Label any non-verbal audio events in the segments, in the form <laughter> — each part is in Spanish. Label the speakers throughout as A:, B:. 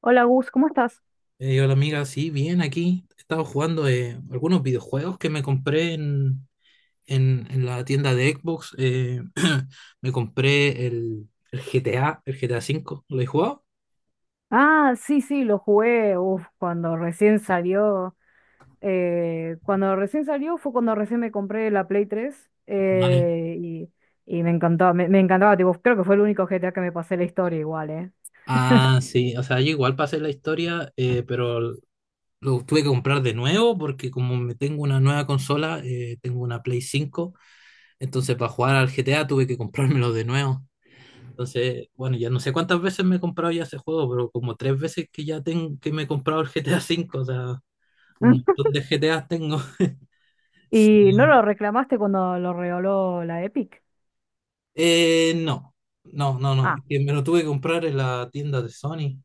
A: Hola Gus, ¿cómo estás?
B: Hola amiga, sí, bien, aquí he estado jugando algunos videojuegos que me compré en la tienda de Xbox. <clears throat> Me compré el GTA, el GTA cinco, ¿lo he jugado?
A: Ah, sí, sí, lo jugué, uf, cuando recién salió fue cuando recién me compré la Play 3,
B: Vale.
A: y me encantó, me encantaba, tipo, creo que fue el único GTA que me pasé la historia igual, ¿eh?
B: Ah, sí, o sea, yo igual pasé la historia, pero lo tuve que comprar de nuevo porque como me tengo una nueva consola, tengo una Play cinco, entonces para jugar al GTA tuve que comprármelo de nuevo. Entonces, bueno, ya no sé cuántas veces me he comprado ya ese juego, pero como tres veces que ya tengo, que me he comprado el GTA V, o sea, un
A: <laughs>
B: montón de GTA tengo. <laughs> Sí.
A: ¿Y no lo reclamaste cuando lo regaló la Epic?
B: Eh, no, no,
A: Ah,
B: es que me lo tuve que comprar en la tienda de Sony,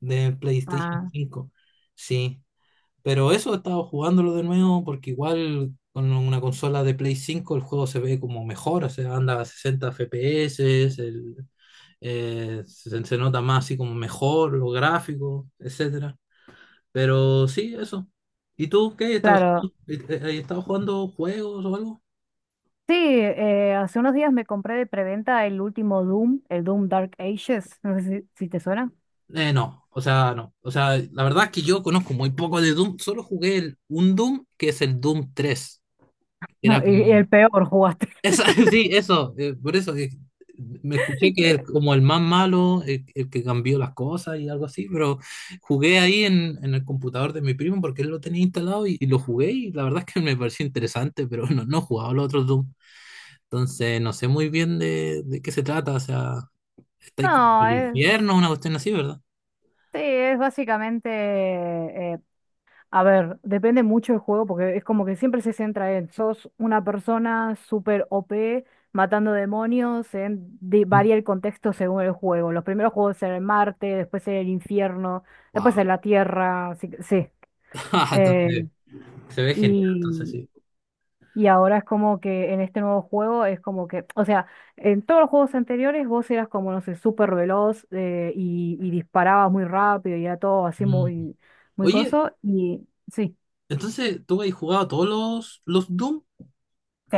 B: de PlayStation
A: ah,
B: 5, sí. Pero eso he estado jugándolo de nuevo porque igual con una consola de Play 5 el juego se ve como mejor, o sea, anda a 60 FPS, el, se nota más así como mejor, los gráficos, etcétera. Pero sí, eso. ¿Y tú qué? ¿Estabas,
A: claro.
B: eh, eh, eh, estabas jugando juegos o algo?
A: Sí, hace unos días me compré de preventa el último Doom, el Doom Dark Ages. No sé si, si te suena.
B: No, o sea, no. O sea, la verdad es que yo conozco muy poco de Doom. Solo jugué un Doom que es el Doom tres.
A: <laughs> No,
B: Era
A: y
B: como...
A: el peor jugaste.
B: Esa, <laughs> sí, eso. Por eso me escuché que es
A: <laughs>
B: como el más malo, el que cambió las cosas y algo así. Pero jugué ahí en el computador de mi primo porque él lo tenía instalado y lo jugué y la verdad es que me pareció interesante, pero <laughs> no, no he jugado los otros Doom. Entonces, no sé muy bien de qué se trata. O sea, estáis como
A: No,
B: en el
A: es,
B: infierno, una cuestión así, ¿verdad?
A: sí, es básicamente, eh, a ver, depende mucho del juego porque es como que siempre se centra en, sos una persona súper OP matando demonios.
B: Mm.
A: Varía el contexto según el juego. Los primeros juegos en Marte, después en el infierno, después
B: Wow.
A: en la Tierra, así que sí.
B: <laughs> Entonces,
A: eh,
B: se ve genial. Entonces, sí.
A: Y ahora es como que en este nuevo juego es como que, o sea, en todos los juegos anteriores vos eras como, no sé, súper veloz, y disparabas muy rápido y era todo así
B: Mm.
A: muy, muy
B: Oye,
A: coso. Y sí,
B: entonces, ¿tú habéis jugado todos los Doom?
A: sí,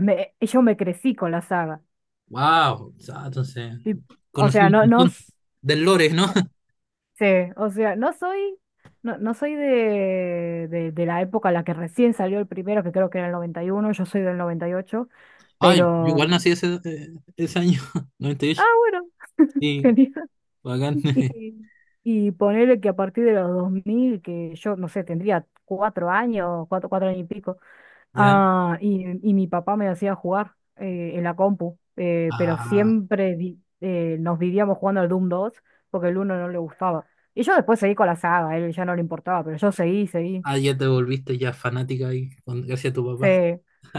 A: yo me crecí con la saga.
B: Wow. O sea, entonces,
A: Y, o
B: conocí
A: sea,
B: un
A: no, no,
B: montón del lore, ¿no? <laughs>
A: sí, o sea, no soy, no, no soy de, de la época en la que recién salió el primero, que creo que era el noventa y uno. Yo soy del noventa y ocho,
B: Ay, yo
A: pero,
B: igual nací ese, ese año, <laughs>
A: ah,
B: 98.
A: bueno, <laughs>
B: Sí,
A: genial.
B: bacán. <laughs>
A: Y, y ponele que a partir de los 2000 que yo, no sé, tendría 4 años, 4 años y pico,
B: Ya.
A: ah, y mi papá me hacía jugar, en la compu, pero
B: Ah,
A: siempre nos vivíamos jugando al Doom 2 porque el uno no le gustaba. Y yo después seguí con la saga, a él ya no le importaba, pero yo seguí, seguí.
B: ah, ya te volviste ya fanática ahí, gracias a tu
A: Sí.
B: papá.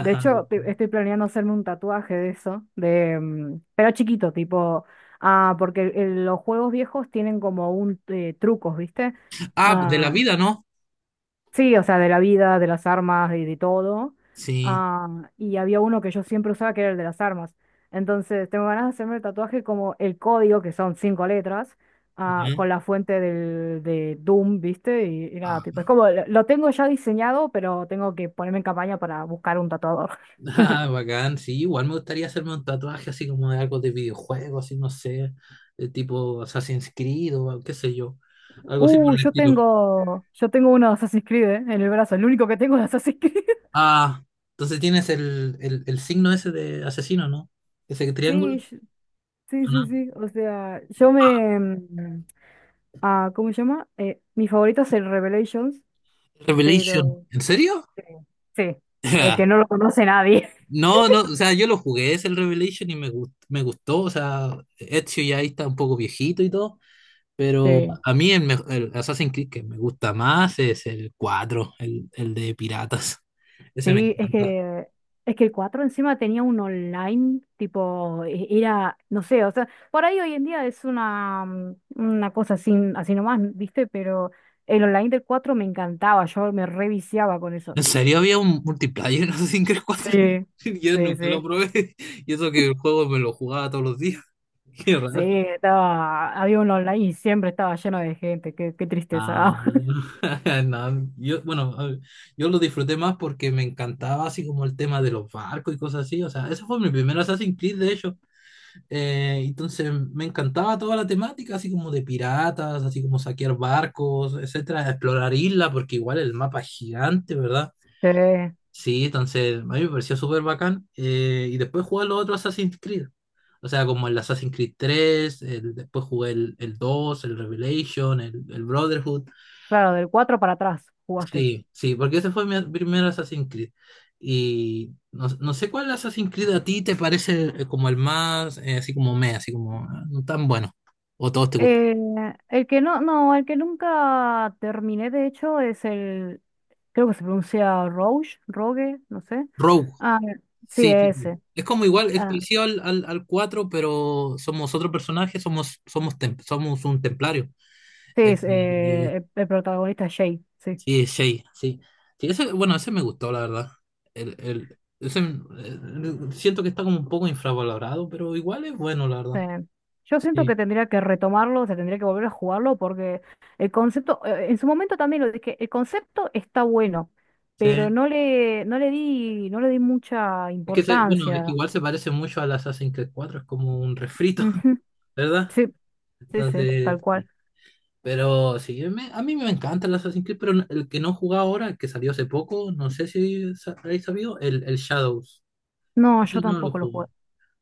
A: De hecho, estoy planeando hacerme un tatuaje de eso, pero chiquito, tipo, ah, porque los juegos viejos tienen como un trucos, ¿viste?
B: Ah, de la
A: Ah,
B: vida, ¿no?
A: sí, o sea, de la vida, de las armas, de todo.
B: Sí.
A: Ah, y había uno que yo siempre usaba que era el de las armas. Entonces, tengo ganas de hacerme el tatuaje como el código, que son cinco letras, ah,
B: Ujú.
A: con la fuente de Doom, ¿viste? Y nada,
B: Ah,
A: tipo, es como, lo tengo ya diseñado, pero tengo que ponerme en campaña para buscar un tatuador.
B: <laughs>
A: <laughs>
B: bacán, sí, igual me gustaría hacerme un tatuaje así como de algo de videojuego, así no sé, de tipo Assassin's Creed o qué sé yo, algo así por el
A: Yo
B: estilo.
A: tengo, uno de Assassin's Creed, en el brazo, el único que tengo de Assassin's Creed. <laughs>
B: Ah, entonces tienes el signo ese de asesino, ¿no? Ese triángulo.
A: Sí, sí, sí,
B: Ah,
A: sí. O sea, ah, ¿cómo se llama? Mi favorito es el Revelations,
B: Revelation.
A: pero
B: ¿En serio?
A: sí, sí, el que no
B: <laughs>
A: lo conoce nadie.
B: No, no, o sea, yo lo jugué, es el Revelation y me gustó, o sea, Ezio ya ahí está un poco viejito y todo.
A: <laughs>
B: Pero
A: Sí,
B: a mí el Assassin's Creed que me gusta más es el cuatro, el de piratas. Ese me
A: sí, es
B: encanta.
A: que el 4 encima tenía un online, tipo, era, no sé, o sea, por ahí hoy en día es una cosa así, así nomás, ¿viste? Pero el online del 4 me encantaba, yo me reviciaba con eso.
B: ¿En serio había un multiplayer en Assassin's Creed cuatro?
A: Sí,
B: <laughs> Yo
A: sí,
B: nunca lo
A: sí.
B: probé. <laughs> Y eso que el juego me lo jugaba todos los días. <laughs> Qué
A: Sí,
B: raro.
A: estaba, había un online y siempre estaba lleno de gente, qué, qué
B: Ah,
A: tristeza. <laughs>
B: <laughs> no, yo, bueno, a ver, yo lo disfruté más porque me encantaba así como el tema de los barcos y cosas así. O sea, ese fue mi primer Assassin's Creed, de hecho. Entonces me encantaba toda la temática, así como de piratas, así como saquear barcos, etcétera, explorar islas, porque igual el mapa es gigante, ¿verdad?
A: Sí.
B: Sí, entonces a mí me pareció súper bacán. Y después jugué los otros Assassin's Creed. O sea, como el Assassin's Creed tres, después jugué el 2, el Revelation, el Brotherhood.
A: Claro, del 4 para atrás jugaste.
B: Sí, sí, porque ese fue mi primer Assassin's Creed. Y no, no sé cuál Assassin's Creed a ti te parece como el más, así como me, así como ah, no tan bueno. O todos te gustan.
A: Eh, el que no, no, el que nunca terminé, de hecho, es el, creo que se pronuncia Rogue, Rogue, no sé.
B: Rogue,
A: Ah, sí,
B: sí, sí,
A: ese.
B: sí. Es como igual, es
A: Ah,
B: parecido al cuatro, pero somos otro personaje, somos un templario.
A: sí,
B: Eh,
A: es,
B: eh,
A: eh, el, el protagonista es Jay, sí.
B: sí, Shay, sí. Sí, ese, bueno, ese me gustó, la verdad. Ese, siento que está como un poco infravalorado, pero igual es bueno, la
A: Sí.
B: verdad.
A: Yo siento
B: Sí.
A: que tendría que retomarlo, o sea, tendría que volver a jugarlo porque el concepto, en su momento también lo dije, el concepto está bueno, pero
B: Sí.
A: no le di mucha
B: Es que, bueno, es que
A: importancia.
B: igual se parece mucho al Assassin's Creed cuatro, es como un refrito, <laughs>
A: Ujú.
B: ¿verdad?
A: Sí, sí, sí,
B: Entonces,
A: tal cual.
B: sí. Pero sí, a mí me encanta el Assassin's Creed, pero el que no jugaba ahora, el que salió hace poco, no sé si habéis sabido, el Shadows.
A: No,
B: Ese
A: yo
B: no lo
A: tampoco lo jugué.
B: jugué.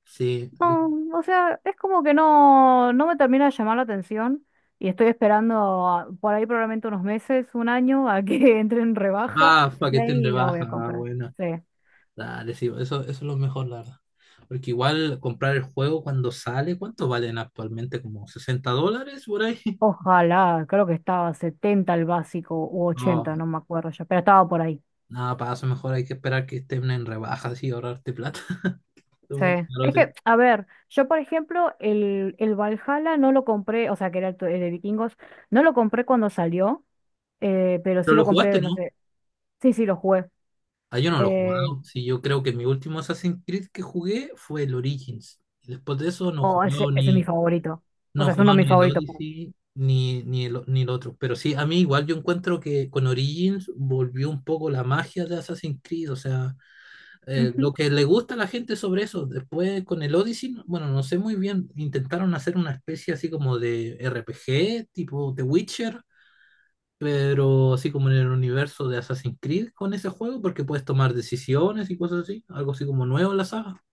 B: Sí.
A: No, o sea, es como que no, no me termina de llamar la atención y estoy esperando por ahí probablemente unos meses, un año, a que <laughs> entre en rebaja
B: Ah, para que
A: y
B: esté en
A: ahí lo voy
B: rebaja,
A: a
B: ah,
A: comprar.
B: bueno.
A: Sí.
B: Dale, sí, eso es lo mejor, la verdad. Porque igual comprar el juego cuando sale, ¿cuánto valen actualmente? ¿Como 60 dólares por ahí? <laughs>
A: Ojalá, creo que estaba 70 el básico u 80,
B: No,
A: no me acuerdo ya, pero estaba por ahí.
B: nada, para eso mejor hay que esperar que estén en rebaja y ahorrarte plata.
A: Sí.
B: Uy, claro,
A: Es
B: sí.
A: que, a ver, yo por ejemplo, el Valhalla no lo compré, o sea, que era el, el de vikingos, no lo compré cuando salió, pero sí
B: Pero lo
A: lo
B: jugaste,
A: compré, no
B: ¿no?
A: sé, sí, sí, lo jugué.
B: Ah, yo no lo he
A: Eh,
B: jugado. Sí, yo creo que mi último Assassin's Creed que jugué fue el Origins. Y después de eso
A: oh, ese, ese es mi favorito. O
B: no he
A: sea, es uno de
B: jugado
A: mis
B: ni el
A: favoritos. Perdón.
B: Odyssey ni ni el otro. Pero sí, a mí igual yo encuentro que con Origins volvió un poco la magia de Assassin's Creed. O sea,
A: Ujú,
B: lo que le gusta a la gente sobre eso. Después con el Odyssey, bueno, no sé muy bien. Intentaron hacer una especie así como de RPG, tipo The Witcher, pero así como en el universo de Assassin's Creed con ese juego, porque puedes tomar decisiones y cosas así, algo así como nuevo en la saga,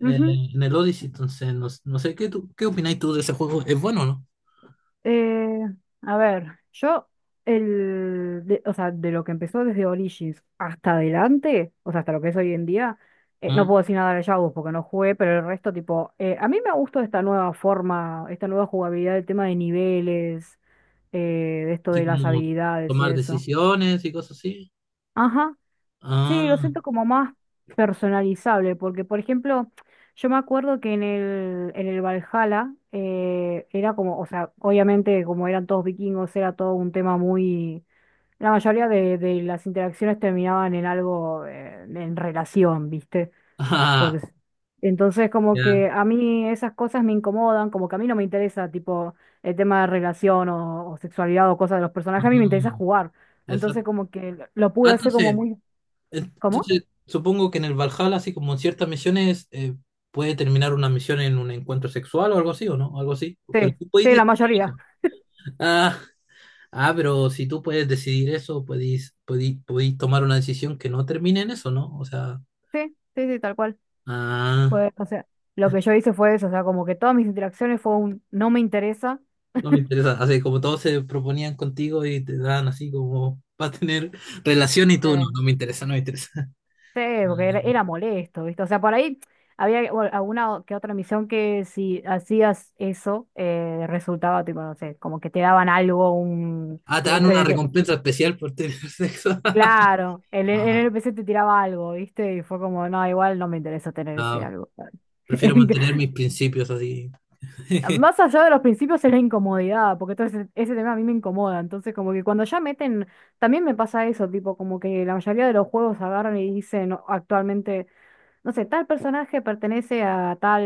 B: eh, en el Odyssey. Entonces, no, no sé, ¿qué opináis tú de ese juego? ¿Es bueno o no?
A: Eh, a ver, yo, el, o sea, de lo que empezó desde Origins hasta adelante, o sea, hasta lo que es hoy en día, no
B: ¿Ah?
A: puedo decir nada de Shadows porque no jugué, pero el resto, tipo, a mí me gustó esta nueva forma, esta nueva jugabilidad, el tema de niveles, de esto
B: Así
A: de las
B: como
A: habilidades y
B: tomar
A: eso.
B: decisiones y cosas así.
A: Ajá. Sí, lo
B: Ah,
A: siento
B: <laughs>
A: como más personalizable, porque por ejemplo, yo me acuerdo que en el Valhalla era como, o sea, obviamente como eran todos vikingos, era todo un tema muy. La mayoría de las interacciones terminaban en algo, en relación, ¿viste? Por
B: ah,
A: des- entonces como
B: ya.
A: que a mí esas cosas me incomodan, como que a mí no me interesa tipo el tema de relación o sexualidad o cosas de los personajes, a mí me interesa
B: Mm,
A: jugar. Entonces
B: exacto.
A: como que lo
B: Ah,
A: pude hacer como
B: entonces,
A: muy. ¿Cómo?
B: entonces, supongo que en el Valhalla, así como en ciertas misiones, puede terminar una misión en un encuentro sexual o algo así, ¿o no? Algo así.
A: Sí,
B: Pero tú puedes
A: sí, la
B: decidir
A: mayoría.
B: eso. Ah, ah, pero si tú puedes decidir eso, podéis tomar una decisión que no termine en eso, ¿no? O sea,
A: Sí, sí, sí, tal cual.
B: ah,
A: Pues, o sea, lo que yo hice fue eso, o sea, como que todas mis interacciones fue un no me interesa.
B: no me interesa. Así como todos se proponían contigo y te dan así como <laughs> va a tener relación y tú no, no
A: Sí.
B: me interesa, no me interesa.
A: Sí, porque era,
B: <laughs>
A: era molesto, ¿viste? O sea, por ahí había bueno, alguna que otra misión que si hacías eso, resultaba, tipo, no sé, como que te daban algo,
B: Ah, te dan una recompensa especial por tener sexo.
A: claro,
B: <laughs>
A: el
B: Ah,
A: NPC te tiraba algo, ¿viste? Y fue como, no, igual no me interesa tener ese
B: no,
A: algo.
B: prefiero mantener
A: <laughs>
B: mis principios así. <laughs>
A: Más allá de los principios es la incomodidad, porque todo ese, ese tema a mí me incomoda. Entonces, como que cuando ya meten, también me pasa eso, tipo, como que la mayoría de los juegos agarran y dicen actualmente, no sé, tal personaje pertenece a tal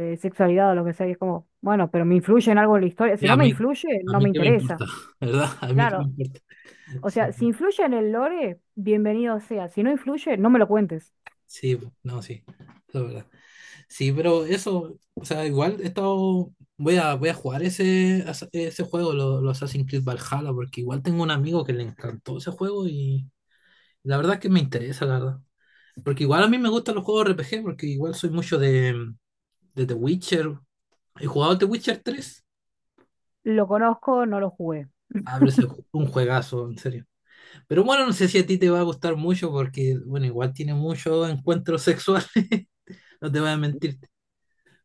A: sexualidad o lo que sea, y es como, bueno, pero me influye en algo en la historia. Si
B: Ya,
A: no
B: a
A: me
B: mí,
A: influye,
B: a
A: no me
B: mí qué me
A: interesa.
B: importa, <laughs> ¿verdad? A mí qué me
A: Claro,
B: importa.
A: o sea, si
B: Sí,
A: influye en el lore, bienvenido sea. Si no influye, no me lo cuentes.
B: sí, no, sí, la verdad. Sí, pero eso, o sea, igual he estado, voy a jugar ese juego, los Assassin's Creed Valhalla, porque igual tengo un amigo que le encantó ese juego y la verdad es que me interesa, la verdad. Porque igual a mí me gustan los juegos R P G porque igual soy mucho de The Witcher. He jugado The Witcher tres.
A: Lo conozco, no lo jugué.
B: Ah, pero es un juegazo, en serio. Pero bueno, no sé si a ti te va a gustar mucho, porque, bueno, igual tiene muchos encuentros sexuales, <laughs> no te voy a mentir.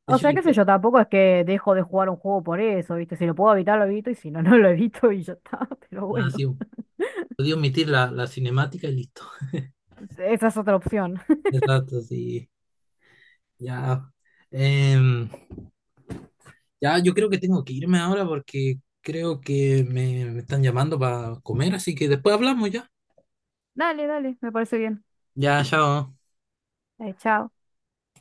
B: De
A: O
B: hecho,
A: sea,
B: el
A: qué sé
B: juego-
A: yo, tampoco es que dejo de jugar un juego por eso, ¿viste? Si lo puedo evitar, lo evito, y si no, <laughs> no lo evito y ya está. <laughs> Pero
B: ah,
A: bueno,
B: sí, podía omitir la cinemática y listo.
A: esa es otra opción.
B: Exacto, sí. Ya. Em, ya, yo creo que tengo que irme ahora porque creo que me están llamando para comer, así que después hablamos ya.
A: <laughs> Dale, dale, me parece bien.
B: Ya, chao.
A: Chao.